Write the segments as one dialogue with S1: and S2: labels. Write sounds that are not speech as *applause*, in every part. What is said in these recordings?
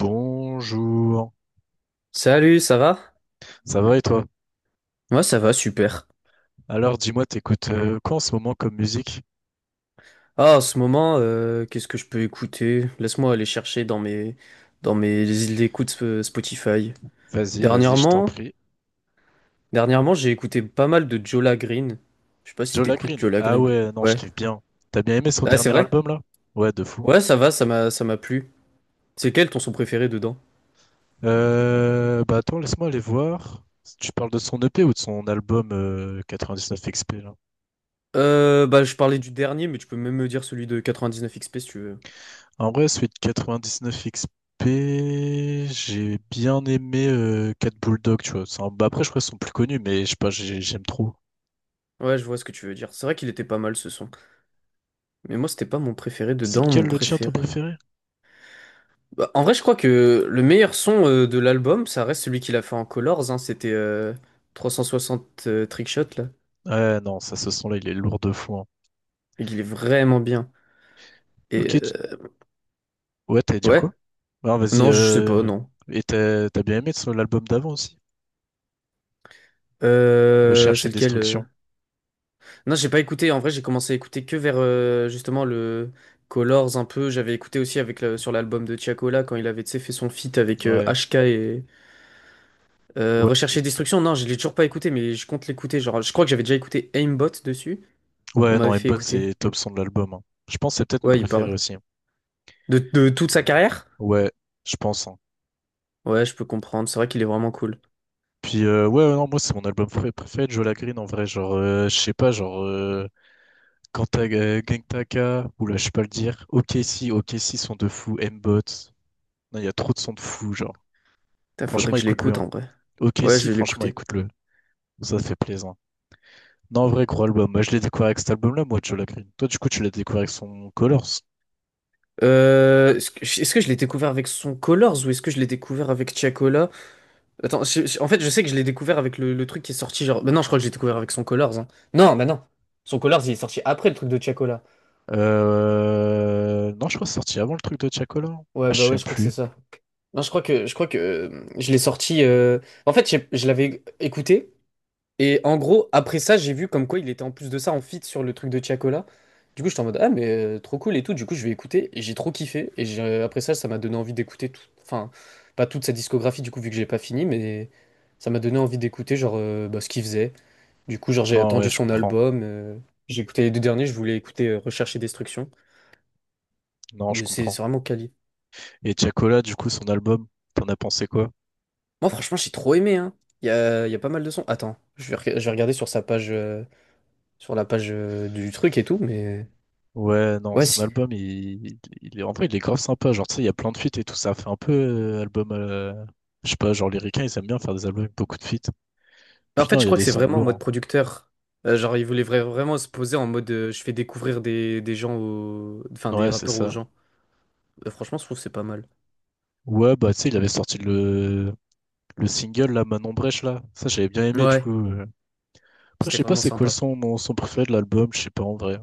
S1: Bonjour,
S2: Salut, ça va?
S1: ça va et toi?
S2: Moi, ça va, super.
S1: Alors dis-moi, t'écoutes quoi en ce moment comme musique?
S2: Ah, en ce moment, qu'est-ce que je peux écouter? Laisse-moi aller chercher dans mes îles d'écoute Spotify.
S1: Vas-y, vas-y, je t'en
S2: Dernièrement,
S1: prie.
S2: dernièrement, j'ai écouté pas mal de Jola Green. Je sais pas si
S1: Joe
S2: t'écoutes
S1: Green.
S2: Jola
S1: Ah
S2: Green.
S1: ouais, non, je
S2: Ouais.
S1: kiffe bien. T'as bien aimé son
S2: Ah, c'est
S1: dernier
S2: vrai?
S1: album là? Ouais, de fou.
S2: Ouais, ça va, ça m'a plu. C'est quel ton son préféré dedans?
S1: Bah attends, laisse-moi aller voir. Tu parles de son EP ou de son album 99XP là?
S2: Bah, je parlais du dernier, mais tu peux même me dire celui de 99XP si tu veux.
S1: En vrai, celui de 99XP, j'ai bien aimé Cat Bulldog, tu vois. Bah, après, je crois qu'ils sont plus connus, mais je sais pas, j'aime trop.
S2: Ouais, je vois ce que tu veux dire. C'est vrai qu'il était pas mal ce son. Mais moi, c'était pas mon préféré
S1: C'est
S2: dedans. Mon
S1: lequel le tien, ton
S2: préféré.
S1: préféré?
S2: Bah, en vrai, je crois que le meilleur son de l'album, ça reste celui qu'il a fait en Colors, hein, c'était 360 Trickshot, là,
S1: Ouais, non, ça, ce son-là, il est lourd de fou, hein.
S2: et qu'il est vraiment bien. Et
S1: Ok, ouais, t'allais dire
S2: ouais,
S1: quoi? Non, vas-y,
S2: non, je sais pas,
S1: euh...
S2: non.
S1: Et t'as bien aimé l'album d'avant aussi? Recherche et
S2: C'est lequel?
S1: Destruction.
S2: Non, j'ai pas écouté, en vrai, j'ai commencé à écouter que vers justement le Colors un peu. J'avais écouté aussi avec sur l'album de Tiakola quand il avait tu sais, fait son feat avec
S1: Ouais,
S2: HK et
S1: ouais,
S2: Recherche et Destruction. Non, je l'ai toujours pas écouté, mais je compte l'écouter. Genre, je crois que j'avais déjà écouté Aimbot dessus, on
S1: ouais, non,
S2: m'avait fait
S1: M-Bone,
S2: écouter.
S1: c'est top son de l'album, hein. Je pense que c'est peut-être mon
S2: Ouais, il
S1: préféré
S2: paraît.
S1: aussi, hein.
S2: De toute sa carrière?
S1: Ouais, je pense, hein.
S2: Ouais, je peux comprendre. C'est vrai qu'il est vraiment cool.
S1: Puis, ouais, ouais, non, moi, c'est mon album préféré de Joe Green en vrai. Genre, je sais pas, genre, quand t'as Gang Taka, oula, je sais pas le dire. Ok, si, ok, si, son de fou. M-Bot. Non, il y a trop de sons de fou, genre.
S2: Putain, faudrait
S1: Franchement,
S2: que je
S1: écoute-le,
S2: l'écoute
S1: hein.
S2: en vrai.
S1: Ok,
S2: Ouais,
S1: si,
S2: je vais
S1: franchement,
S2: l'écouter.
S1: écoute-le. Ça fait plaisir. Non, en vrai, gros album. Moi, je l'ai découvert avec cet album-là, moi, Joe Green. Toi, du coup, tu l'as découvert avec son Colors.
S2: Est-ce que je l'ai découvert avec son Colors ou est-ce que je l'ai découvert avec Tiakola? Attends, en fait, je sais que je l'ai découvert avec le truc qui est sorti genre. Bah non, je crois que j'ai découvert avec son Colors, hein. Non, bah non. Son Colors, il est sorti après le truc de Tiakola.
S1: Non, je crois que c'est sorti avant le truc de Tiakola.
S2: Ouais,
S1: Ah, je
S2: bah ouais,
S1: sais
S2: je crois que c'est
S1: plus.
S2: ça. Non, je crois que je l'ai sorti. En fait, je l'avais écouté. Et en gros, après ça, j'ai vu comme quoi il était en plus de ça en feat sur le truc de Tiakola. Du coup, j'étais en mode, ah, mais trop cool et tout. Du coup, je vais écouter et j'ai trop kiffé. Et après ça, ça m'a donné envie d'écouter tout. Enfin, pas toute sa discographie, du coup, vu que j'ai pas fini, mais ça m'a donné envie d'écouter, genre, bah, ce qu'il faisait. Du coup, genre, j'ai
S1: Non, ouais,
S2: attendu
S1: je
S2: son
S1: comprends.
S2: album. J'ai écouté les deux derniers, je voulais écouter Recherche et Destruction.
S1: Non, je
S2: Mais c'est
S1: comprends.
S2: c'est vraiment quali.
S1: Et Tiakola, du coup, son album, t'en as pensé quoi?
S2: Moi, franchement, j'ai trop aimé, hein. Il y a pas mal de sons. Attends, je vais regarder sur sa page, sur la page du truc et tout, mais.
S1: Ouais, non,
S2: Ouais,
S1: son
S2: si.
S1: album, en vrai, il est grave sympa. Genre, tu sais, il y a plein de feats et tout. Ça fait un peu album. Je sais pas, genre, les Ricains, ils aiment bien faire des albums avec beaucoup de feats.
S2: Mais en
S1: Puis
S2: fait,
S1: non, il
S2: je
S1: y a
S2: crois
S1: des
S2: que c'est
S1: sons de
S2: vraiment en mode
S1: lourds,
S2: producteur. Genre, il voulait vraiment se poser en mode je fais découvrir des gens aux. Enfin,
S1: hein.
S2: des
S1: Ouais, c'est
S2: rappeurs aux
S1: ça.
S2: gens. Franchement, je trouve que c'est pas mal.
S1: Ouais, bah, tu sais, il avait sorti. Le single, là, Manon Brèche, là, ça j'avais bien aimé, du coup.
S2: Ouais,
S1: euh. Après, je
S2: c'était
S1: sais pas
S2: vraiment
S1: c'est quoi le
S2: sympa.
S1: son, mon son préféré de l'album, je sais pas en vrai.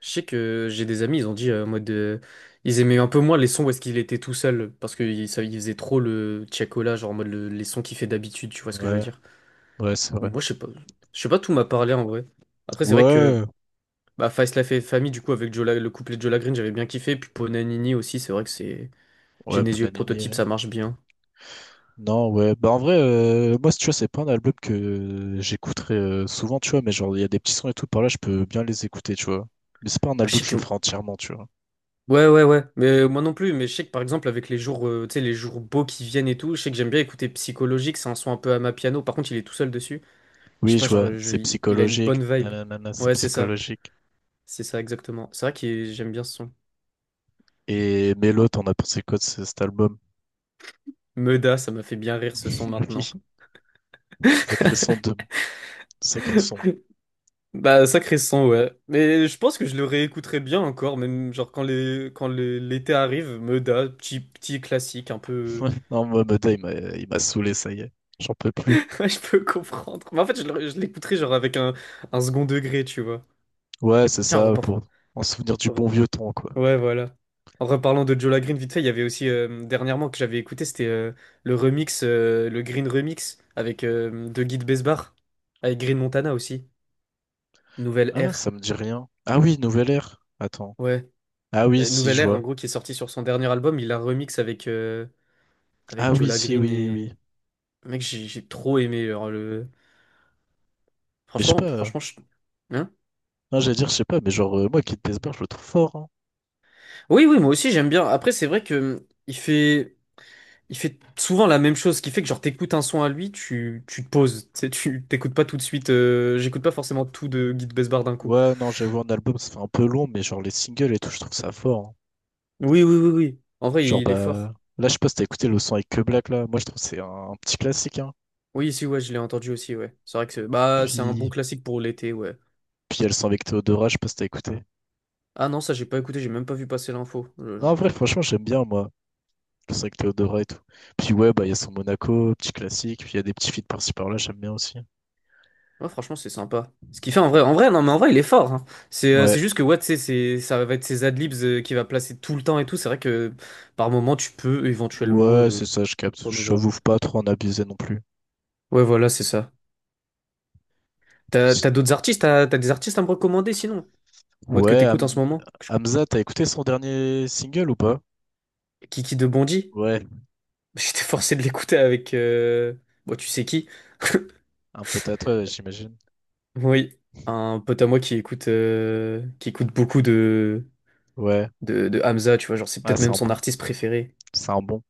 S2: Je sais que j'ai des amis, ils ont dit en mode. Ils aimaient un peu moins les sons où est-ce qu'il était tout seul. Parce qu'ils faisaient trop le tchakola, genre en mode les sons qu'il fait d'habitude, tu vois ce que je veux
S1: Ouais,
S2: dire.
S1: ouais, c'est
S2: Mais
S1: vrai.
S2: moi, je sais pas. Je sais pas, tout m'a parlé en vrai. Après, c'est vrai que.
S1: Ouais,
S2: Bah, Faïs la fait famille, du coup, avec Jola, le couplet de Jola Green, j'avais bien kiffé. Puis Ponanini aussi, c'est vrai que c'est.
S1: ouais,
S2: Genesio et
S1: Ponanini.
S2: prototype,
S1: euh.
S2: ça marche bien.
S1: Non, ouais, bah en vrai, moi, tu vois, c'est pas un album que j'écouterai souvent, tu vois, mais genre, il y a des petits sons et tout par là, je peux bien les écouter, tu vois. Mais c'est pas un
S2: Ah, je
S1: album,
S2: sais
S1: je
S2: que.
S1: le ferai entièrement, tu vois.
S2: Ouais, ouais, ouais. Mais moi non plus. Mais je sais que par exemple, avec les jours, tu sais, les jours beaux qui viennent et tout, je sais que j'aime bien écouter Psychologique. C'est un son un peu à ma piano. Par contre, il est tout seul dessus. Je sais
S1: Oui,
S2: pas,
S1: je vois,
S2: genre,
S1: c'est
S2: il a une
S1: psychologique.
S2: bonne vibe.
S1: Nanana, c'est
S2: Ouais, c'est ça.
S1: psychologique.
S2: C'est ça, exactement. C'est vrai que j'aime bien ce son.
S1: Et Mélo, t'en as pensé quoi de cet album?
S2: Meuda, ça m'a fait bien rire ce son
S1: *laughs*
S2: maintenant.
S1: Oui, sacré son de. Sacré son.
S2: *laughs* Bah, sacré son, ouais. Mais je pense que je le réécouterai bien encore, même genre quand l'été arrive, Meuda, petit petit classique, un
S1: *laughs*
S2: peu.
S1: Ouais, non, Mohamedan, il m'a saoulé, ça y est. J'en peux plus.
S2: *laughs* Ouais, je peux comprendre. Mais en fait, je l'écouterai genre avec un second degré, tu vois.
S1: Ouais, c'est
S2: Tiens,
S1: ça, pour en souvenir du
S2: re-
S1: bon vieux temps, quoi.
S2: ouais, voilà. En reparlant de Jola Green, vite fait, il y avait aussi dernièrement que j'avais écouté, c'était le remix, le Green Remix avec de Guy de Besbar, avec Green Montana aussi. Nouvelle
S1: Ah,
S2: Ère.
S1: ça me dit rien. Ah oui, Nouvelle Ère. Attends.
S2: Ouais.
S1: Ah oui,
S2: Bah,
S1: si,
S2: Nouvelle
S1: je
S2: Ère, en
S1: vois.
S2: gros, qui est sorti sur son dernier album, il a remix avec, euh,
S1: Ah
S2: avec
S1: oui,
S2: Jola
S1: si,
S2: Green
S1: oui, oui.
S2: et. Mec, j'ai trop aimé. Genre, le...
S1: Mais je sais pas.
S2: Franchement,
S1: euh,
S2: franchement, je- hein,
S1: Non, j'allais dire, je sais pas, mais genre, moi, Kid Bessbar, je le trouve fort, hein.
S2: oui, oui, moi aussi j'aime bien. Après, c'est vrai que il fait. Il fait souvent la même chose, ce qui fait que genre t'écoutes un son à lui, tu te poses, tu sais, tu t'écoutes pas tout de suite, j'écoute pas forcément tout de Guy de Besbar d'un coup.
S1: Ouais, non, j'avoue, un album, ça fait un peu long, mais genre, les singles et tout, je trouve ça fort, hein.
S2: Oui, oui, oui, oui. En vrai,
S1: Genre,
S2: il est fort.
S1: bah. Là, je sais pas si t'as écouté le son avec Que Black, là. Moi, je trouve que c'est un petit classique, hein.
S2: Oui, si, ouais, je l'ai entendu aussi, ouais. C'est vrai que c'est bah, c'est un bon
S1: Puis.
S2: classique pour l'été, ouais.
S1: Puis, il y a le son avec Théodora, je sais pas si t'as écouté.
S2: Ah non, ça j'ai pas écouté, j'ai même pas vu passer l'info.
S1: Non, en vrai, franchement, j'aime bien, moi. Le 5 Théo Dora et tout. Puis ouais, bah il y a son Monaco, petit classique, puis il y a des petits feats par-ci par-là, j'aime bien aussi.
S2: Ouais, franchement, c'est sympa. Ce qu'il fait en vrai, non, mais en vrai, il est fort, hein. C'est euh,
S1: Ouais,
S2: c'est juste que, ouais, tu sais, ça va être ses adlibs qu'il va placer tout le temps et tout. C'est vrai que par moment, tu peux éventuellement
S1: ouais, c'est ça, je capte.
S2: en
S1: J'avoue
S2: novembre.
S1: faut pas trop en abuser non plus.
S2: Ouais, voilà, c'est ça. T'as d'autres artistes, des artistes à me recommander sinon? Mode que
S1: Ouais,
S2: t'écoutes en ce moment?
S1: Hamza, t'as écouté son dernier single ou pas?
S2: Kiki de Bondy?
S1: Ouais,
S2: *laughs* J'étais forcé de l'écouter avec. Bon, tu sais qui? *laughs*
S1: un peu tatoué, j'imagine.
S2: Oui, un pote à moi qui écoute beaucoup de,
S1: Ouais,
S2: de, de Hamza, tu vois, genre c'est
S1: ah,
S2: peut-être
S1: c'est
S2: même
S1: un
S2: son
S1: bon,
S2: artiste préféré.
S1: c'est un bon.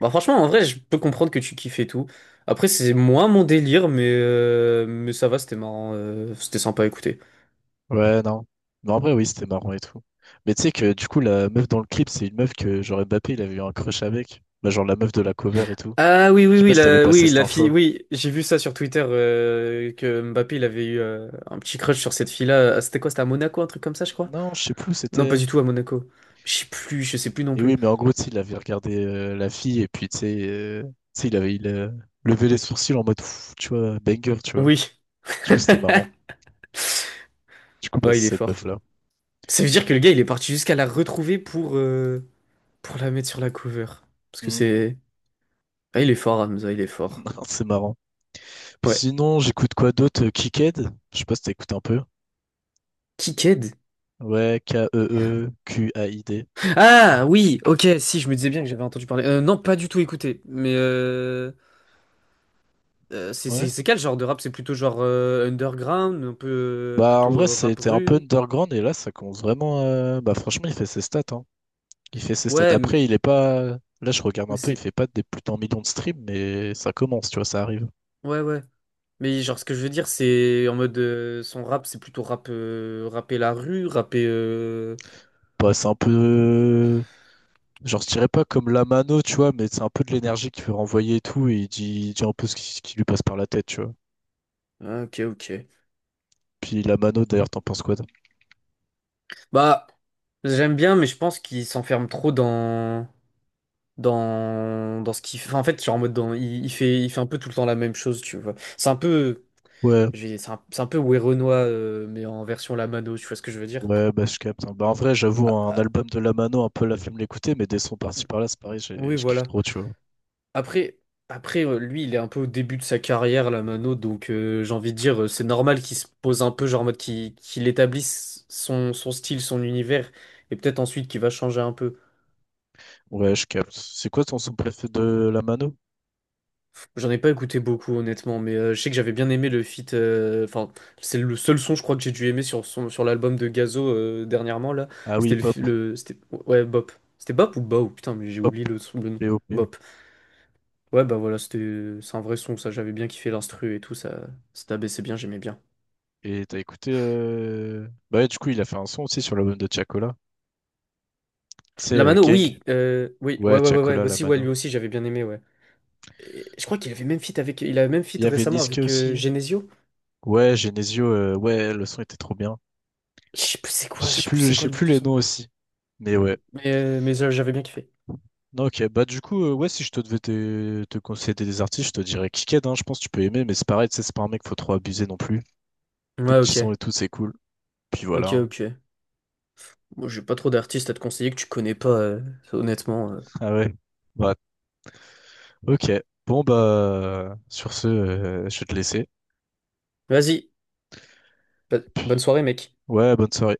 S2: Bah franchement, en vrai, je peux comprendre que tu kiffes et tout. Après, c'est moins mon délire, mais ça va, c'était marrant, c'était sympa à écouter.
S1: Ouais, non. Mais en vrai, oui, c'était marrant et tout. Mais tu sais que du coup, la meuf dans le clip, c'est une meuf que genre Mbappé, il avait eu un crush avec. Bah, genre la meuf de la cover et tout.
S2: Ah oui,
S1: Je
S2: oui,
S1: sais pas
S2: oui,
S1: si t'avais
S2: la,
S1: passé
S2: oui,
S1: cette
S2: la fille,
S1: info.
S2: oui, j'ai vu ça sur Twitter que Mbappé il avait eu un petit crush sur cette fille-là. Ah, c'était quoi? C'était à Monaco, un truc comme ça, je crois?
S1: Non, je sais plus où
S2: Non, pas
S1: c'était.
S2: du tout à Monaco. Je sais plus non
S1: Mais
S2: plus.
S1: oui, mais en gros, tu sais, il avait regardé la fille et puis, tu sais, il a levé les sourcils en mode, Pff, tu vois, banger, tu vois.
S2: Oui,
S1: Du coup, c'était marrant.
S2: *laughs*
S1: Du coup, bah,
S2: ouais,
S1: c'est
S2: il est
S1: cette
S2: fort.
S1: meuf-là.
S2: Ça veut dire que le gars il est parti jusqu'à la retrouver pour la mettre sur la cover. Parce que
S1: Mm.
S2: c'est. Ah, il est fort, Hamza, il est fort.
S1: *laughs* C'est marrant. Puis
S2: Ouais.
S1: sinon, j'écoute quoi d'autre? Kicked? Je sais pas si t'écoutes un peu.
S2: Kiked?
S1: Ouais, K-E-E-Q-A-I-D.
S2: Ah oui, ok, si, je me disais bien que j'avais entendu parler. Non, pas du tout écouté, mais. C'est
S1: Ouais.
S2: c'est- c'est quel genre de rap? C'est plutôt genre underground, un peu
S1: Bah, en
S2: plutôt
S1: vrai,
S2: rap
S1: c'était un peu
S2: rue.
S1: underground et là, ça commence vraiment. Bah, franchement, il fait ses stats, hein. Il fait ses stats.
S2: Ouais,
S1: Après, il est pas. Là, je regarde
S2: mais
S1: un peu, il
S2: c'est
S1: fait pas des plus d'un million de streams, mais ça commence, tu vois, ça arrive.
S2: ouais ouais. Mais genre ce que je veux dire c'est en mode son rap c'est plutôt rap rapper la rue, rapper
S1: Bah, c'est un peu. Genre, je dirais pas comme la mano, tu vois, mais c'est un peu de l'énergie qu'il peut renvoyer et tout, et il dit un peu ce qui lui passe par la tête, tu vois.
S2: OK OK.
S1: Puis la mano, d'ailleurs, t'en penses quoi? Toi.
S2: Bah j'aime bien mais je pense qu'il s'enferme trop dans ce qu'il fait. Enfin, en fait, genre en mode dans il fait un peu tout le temps la même chose, tu vois. C'est un peu
S1: Ouais,
S2: c'est un peu Werenoi mais en version La Mano, tu vois ce que je veux dire?
S1: ouais, bah je capte, hein. Bah, en vrai, j'avoue,
S2: Ah,
S1: un
S2: ah,
S1: album de la mano, un peu la flemme de l'écouter, mais des sons par-ci par-là, c'est pareil,
S2: oui,
S1: je kiffe
S2: voilà.
S1: trop, tu vois.
S2: Après, après, lui, il est un peu au début de sa carrière, là, Mano, donc j'ai envie de dire, c'est normal qu'il se pose un peu, genre en mode qu'il établisse son style, son univers, et peut-être ensuite qu'il va changer un peu.
S1: Ouais, je capte. C'est quoi ton son préféré de la mano?
S2: J'en ai pas écouté beaucoup, honnêtement, mais je sais que j'avais bien aimé le feat. Enfin, c'est le seul son, je crois, que j'ai dû aimer sur l'album de Gazo dernièrement, là.
S1: Ah oui,
S2: C'était le,
S1: pop,
S2: fi- le c'était, ouais, Bop. C'était Bop ou Bao? Putain, mais j'ai
S1: pop,
S2: oublié le nom.
S1: pop.
S2: Bop. Ouais, bah voilà, c'était, c'est un vrai son, ça, j'avais bien kiffé l'instru et tout, ça abaissait bien, j'aimais bien.
S1: Et t'as écouté. Bah, ouais, du coup, il a fait un son aussi sur l'album de Tiakola. Tu sais,
S2: La Mano,
S1: Gang.
S2: oui, oui, ouais,
S1: Ouais,
S2: ouais, ouais, ouais,
S1: Tiakola, La
S2: aussi, ouais, lui
S1: Mano.
S2: aussi, j'avais bien aimé, ouais. Et je crois qu'il avait même feat avec, il avait même feat
S1: Il y avait
S2: récemment
S1: Niske
S2: avec
S1: aussi.
S2: Genesio.
S1: Ouais, Genesio. Ouais, le son était trop bien.
S2: Je sais plus c'est quoi, je sais plus
S1: Je
S2: c'est quoi
S1: sais
S2: le nom
S1: plus
S2: du
S1: les noms
S2: son.
S1: aussi. Mais ouais.
S2: Mais, j'avais bien kiffé.
S1: Non, ok. Bah, du coup, ouais, si je te devais te conseiller des artistes, je te dirais Kiked, hein. Je pense que tu peux aimer, mais c'est pareil, tu sais, c'est pas un mec, faut trop abuser non plus. Des
S2: Ouais,
S1: petits
S2: ok,
S1: sons et tout, c'est cool. Puis voilà,
S2: ok,
S1: hein.
S2: ok. Moi, j'ai pas trop d'artistes à te conseiller que tu connais pas, honnêtement.
S1: *laughs* Ah ouais. Bah, ok. Bon, bah, sur ce, je vais te laisser.
S2: Vas-y, bah, bonne
S1: Puis,
S2: soirée, mec.
S1: Ouais, bonne soirée.